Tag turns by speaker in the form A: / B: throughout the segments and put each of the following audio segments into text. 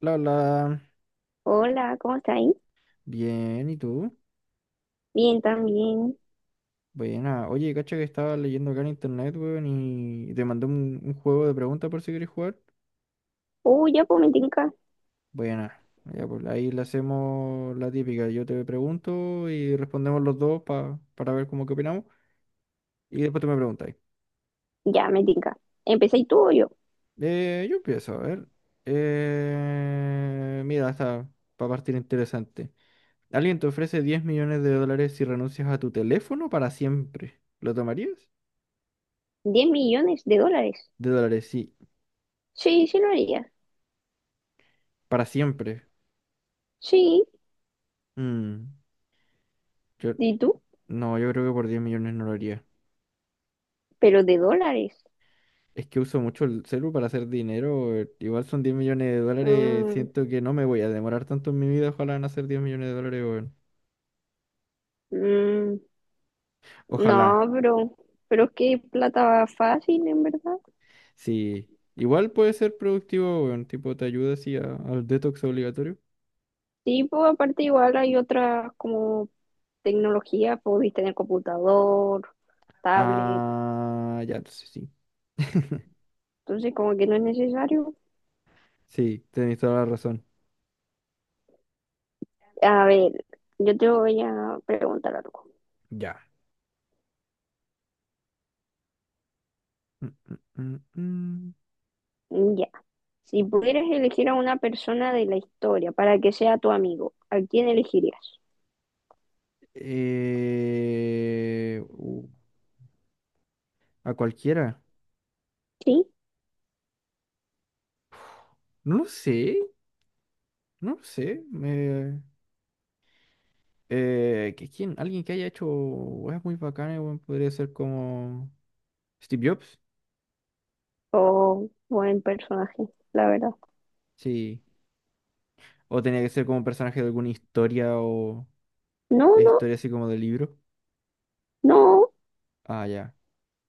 A: La,
B: Hola, ¿cómo estás ahí?
A: bien, ¿y tú?
B: Bien, también.
A: Buena. Oye, cacha que estaba leyendo acá en internet, weón, y te mandé un juego de preguntas por si quieres jugar.
B: Uy, ya pues me tinca.
A: Buena. Ya, pues ahí le hacemos la típica. Yo te pregunto y respondemos los dos para ver cómo que opinamos. Y después tú me preguntas.
B: Ya me tinca. ¿Empecé tú o yo?
A: Yo empiezo, a ver. Mira, está para partir interesante. Alguien te ofrece 10 millones de dólares si renuncias a tu teléfono para siempre. ¿Lo tomarías?
B: 10 millones de dólares.
A: De dólares, sí.
B: Sí, sí lo haría.
A: Para siempre.
B: Sí,
A: Mm, yo,
B: ¿y tú?
A: no, yo creo que por 10 millones no lo haría.
B: Pero de dólares.
A: Es que uso mucho el celu para hacer dinero. Igual son diez millones de dólares.
B: Mm,
A: Siento que no me voy a demorar tanto en mi vida. Ojalá en hacer 10 millones de dólares, weón.
B: mm,
A: Ojalá.
B: no, pero es que plata va fácil, en verdad.
A: Sí. Igual puede ser productivo, weón. Tipo, te ayuda así al detox obligatorio.
B: Sí, pues aparte igual hay otras como tecnología, podéis tener computador, tablet.
A: Ah, ya, entonces sí.
B: Entonces como que no es necesario.
A: Sí, tenéis toda la razón.
B: A ver, yo te voy a preguntar algo.
A: Ya. Mm, mm, mm, mm.
B: Ya. Si pudieras elegir a una persona de la historia para que sea tu amigo, ¿a quién elegirías?
A: Eh, uh, a cualquiera.
B: ¿Sí?
A: No lo sé. No sé. Que quién, alguien que haya hecho weas muy bacanas, weón, podría ser como Steve Jobs,
B: ¿O buen personaje? La verdad.
A: sí. O tenía que ser como un personaje de alguna historia o
B: No, no,
A: historia así como de libro.
B: no.
A: Ah, ya,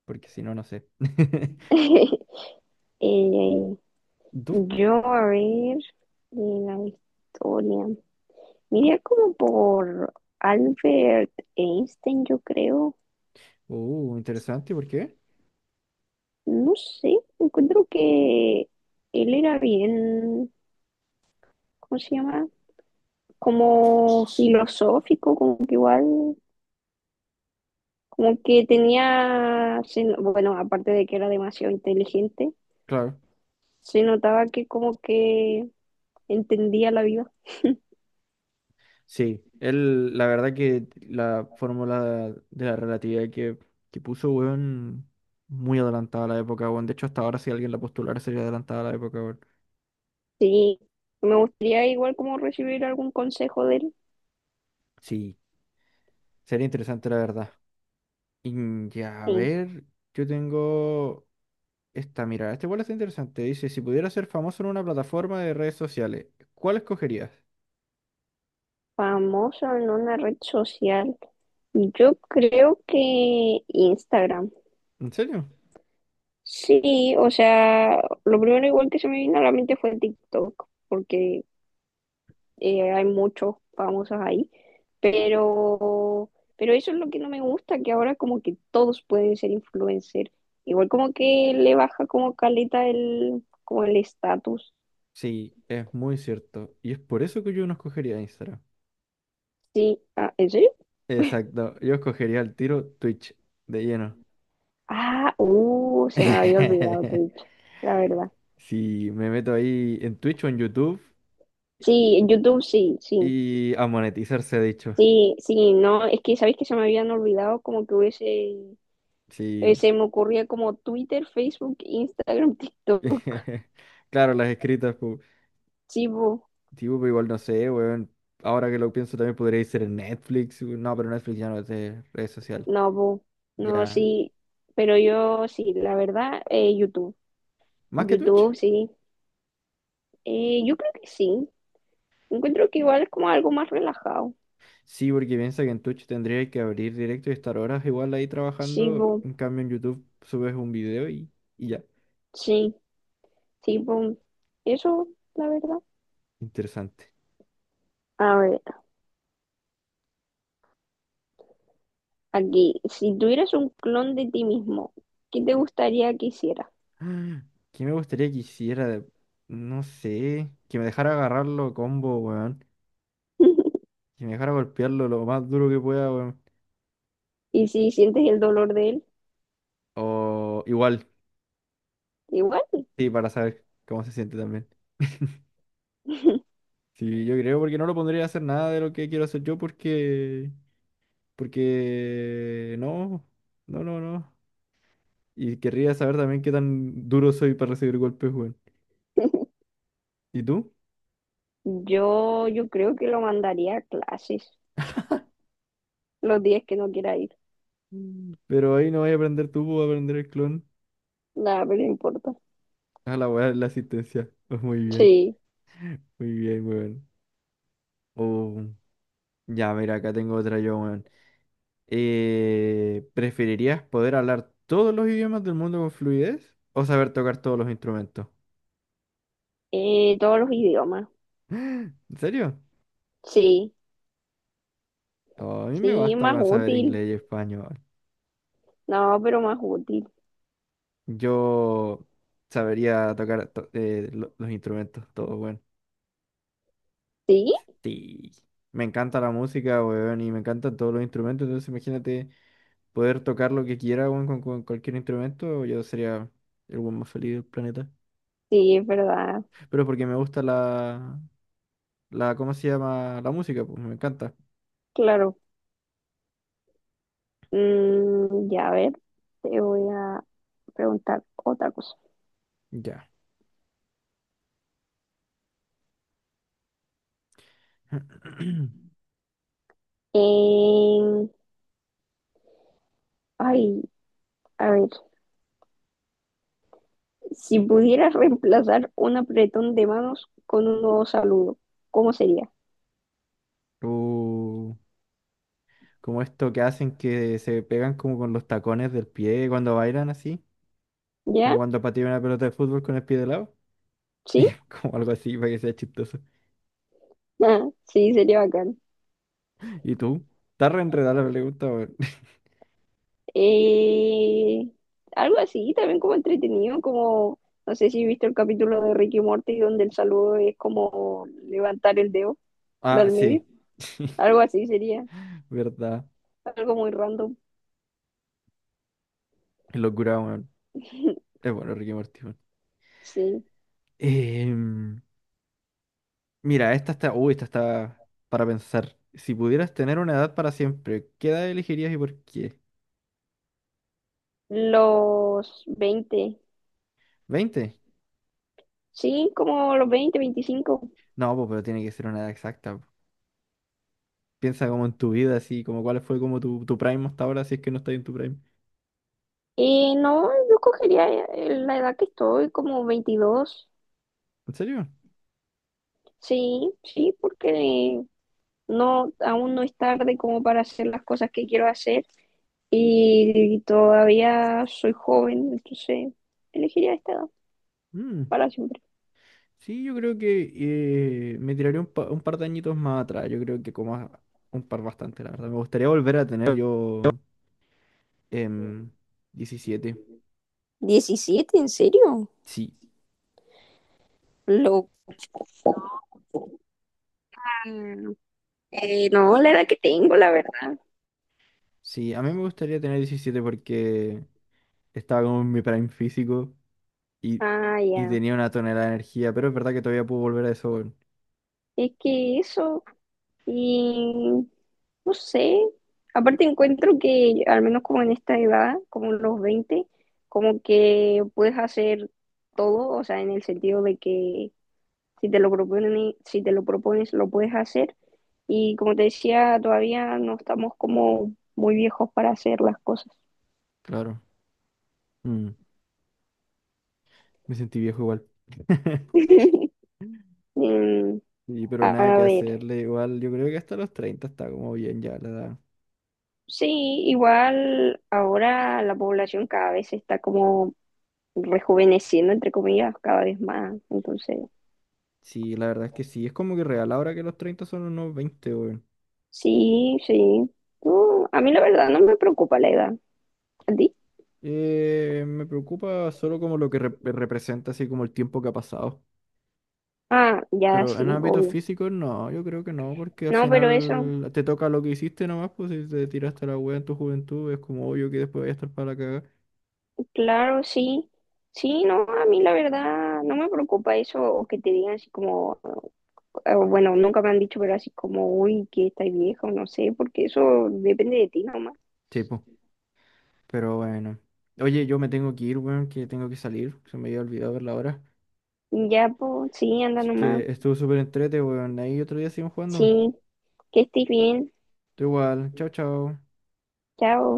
A: porque si no, no sé.
B: Eh, yo,
A: ¿Tú?
B: a ver, de la historia. Mira como por Albert Einstein, yo creo.
A: Interesante, ¿por qué?
B: No sé, encuentro que él era bien, ¿cómo se llama? Como filosófico, como que igual como que tenía, se no- bueno, aparte de que era demasiado inteligente,
A: Claro,
B: se notaba que como que entendía la vida.
A: sí. Él, la verdad que la fórmula de la relatividad que puso, weón, muy adelantada a la época, weón. De hecho, hasta ahora si alguien la postulara sería adelantada a la época, weón.
B: Sí, me gustaría igual como recibir algún consejo de él.
A: Sí. Sería interesante, la verdad. Y ya, a
B: Sí,
A: ver, yo tengo esta, mira, este igual está interesante. Dice, si pudieras ser famoso en una plataforma de redes sociales, ¿cuál escogerías?
B: famoso en una red social. Yo creo que Instagram.
A: ¿En serio?
B: Sí, o sea, lo primero igual que se me vino a la mente fue TikTok, porque hay muchos famosos ahí, pero, pero eso es lo que no me gusta, que ahora como que todos pueden ser influencer, igual como que le baja como caleta el, como el estatus,
A: Sí, es muy cierto. Y es por eso que yo no escogería Instagram.
B: sí, ah, ¿en serio?
A: Exacto, yo escogería el tiro Twitch, de lleno.
B: Ah, se me había olvidado Twitch, la verdad.
A: Si me meto ahí en Twitch o en YouTube
B: Sí, en YouTube sí, sí,
A: y a monetizarse dicho.
B: sí, sí, no, es que sabéis que se me habían olvidado como que hubiese,
A: Sí.
B: se me ocurría como Twitter, Facebook, Instagram, TikTok,
A: Claro, las escritas.
B: sí, po.
A: Tipo, pero igual no sé, weón. Ahora que lo pienso también podría ser en Netflix, weón. No, pero Netflix ya no es de red social.
B: No, no,
A: Ya.
B: sí, pero yo sí, la verdad, YouTube,
A: ¿Más que Twitch?
B: YouTube, sí, yo creo que sí, encuentro que igual es como algo más relajado,
A: Sí, porque piensa que en Twitch tendría que abrir directo y estar horas igual ahí
B: sí,
A: trabajando. En cambio, en YouTube subes un video y ya.
B: sí, sí, eso, la verdad.
A: Interesante.
B: A ver, aquí, si tuvieras un clon de ti mismo, ¿qué te gustaría que hiciera?
A: Ah, ¿qué me gustaría que hiciera? No sé. Que me dejara agarrarlo combo, weón. Que me dejara golpearlo lo más duro que pueda, weón.
B: Y si sientes el dolor de él,
A: O igual,
B: igual.
A: sí, para saber cómo se siente también. Sí, yo creo, porque no lo pondría a hacer nada de lo que quiero hacer yo, porque no, no, no, no. Y querría saber también qué tan duro soy para recibir golpes, weón. ¿Y tú?
B: Yo creo que lo mandaría a clases los días que no quiera ir.
A: Mm. Pero ahí no vas a aprender tú, vas a aprender el clon.
B: Nada, pero no importa.
A: A la weá, la asistencia. Pues
B: Sí.
A: muy bien, weón. Oh, ya, mira, acá tengo otra yo, weón. ¿Preferirías poder hablar todos los idiomas del mundo con fluidez o saber tocar todos los instrumentos?
B: Todos los idiomas.
A: ¿En serio?
B: Sí,
A: Oh, a mí me
B: sí,
A: basta
B: más
A: con saber
B: útil.
A: inglés y español.
B: No, pero más útil.
A: Yo sabería tocar los instrumentos, todo bueno.
B: Sí,
A: Sí. Me encanta la música, weón, y me encantan todos los instrumentos. Entonces, imagínate poder tocar lo que quiera, weón, con cualquier instrumento. Yo sería el weón más feliz del planeta.
B: sí, es verdad.
A: Pero porque me gusta ¿cómo se llama? La música, pues me encanta.
B: Claro. Ya a ver, te voy a preguntar otra cosa.
A: Ya.
B: Em, ay, a ver, si pudieras reemplazar un apretón de manos con un nuevo saludo, ¿cómo sería?
A: Uh, como esto que hacen que se pegan como con los tacones del pie cuando bailan así. Como
B: ¿Ya?
A: cuando pateé una pelota de fútbol con el pie de lado.
B: ¿Sí?
A: Como algo así para que sea chistoso.
B: Ah, sí, sería bacán.
A: ¿Y tú? Está re enredada la pregunta, weón.
B: Eh, algo así, también como entretenido, como, no sé si viste el capítulo de Ricky Morty donde el saludo es como levantar el dedo
A: Ah,
B: del medio,
A: sí.
B: algo así sería,
A: ¿Verdad?
B: algo muy random.
A: Qué locura, weón. Es bueno, Ricky Morty, weón.
B: Sí.
A: Em, mira, esta está. Uy, esta está para pensar. Si pudieras tener una edad para siempre, ¿qué edad elegirías y por qué?
B: Los 20
A: Veinte.
B: sí, como los 20, 25.
A: No, po, pero tiene que ser una edad exacta, po. Piensa como en tu vida, así, como cuál fue como tu prime hasta ahora, si es que no estás en tu prime.
B: No, yo cogería la edad que estoy, como 22
A: ¿En serio?
B: sí, sí, porque no, aún no es tarde como para hacer las cosas que quiero hacer. Y todavía soy joven, entonces elegiría esta edad
A: Mm.
B: para siempre.
A: Sí, yo creo que me tiraré un, un par de añitos más atrás. Yo creo que como un par bastante, la verdad. Me gustaría volver a tener yo em, 17.
B: 17. ¿En serio?
A: Sí,
B: Lo... no, la edad que tengo, la verdad.
A: sí, a mí me gustaría tener 17 porque estaba como en mi prime físico y,
B: Ah,
A: y
B: ya.
A: tenía una tonelada de energía, pero es verdad que todavía puedo volver a eso, weón.
B: Es que eso, y no sé, aparte encuentro que al menos como en esta edad, como en los 20 como que puedes hacer todo, o sea, en el sentido de que si te lo proponen, si te lo propones, lo puedes hacer. Y como te decía, todavía no estamos como muy viejos para hacer las cosas.
A: Claro. Mm, me sentí viejo igual.
B: Mm,
A: Sí, pero
B: a
A: nada que
B: ver,
A: hacerle, igual yo creo que hasta los 30 está como bien ya la edad.
B: sí, igual ahora la población cada vez se está como rejuveneciendo, entre comillas, cada vez más. Entonces,
A: Sí, la verdad es que sí, es como que real ahora que los 30 son unos veinte, weón.
B: sí, sí. No, a mí la verdad no me preocupa la edad. ¿A ti?
A: Me preocupa solo como lo que representa, así como el tiempo que ha pasado.
B: Ah, ya
A: Pero en
B: sí,
A: ámbitos
B: obvio.
A: físicos, no, yo creo que no, porque al
B: No, pero eso,
A: final te toca lo que hiciste nomás, pues si te tiraste la wea en tu juventud, es como obvio que después voy a estar para la cagada.
B: claro, sí. Sí, no, a mí la verdad no me preocupa eso o que te digan así como, bueno, nunca me han dicho, pero así como, uy, que estás vieja o no sé, porque eso depende de ti nomás.
A: Sí, pues, pero bueno. Oye, yo me tengo que ir, weón, que tengo que salir, se me había olvidado ver la hora.
B: Ya, pues, sí, anda
A: Así
B: nomás.
A: que estuvo súper entrete, weón, ahí otro día siguen jugando.
B: Sí, que estés bien.
A: Tú igual, chao, chao.
B: Chao.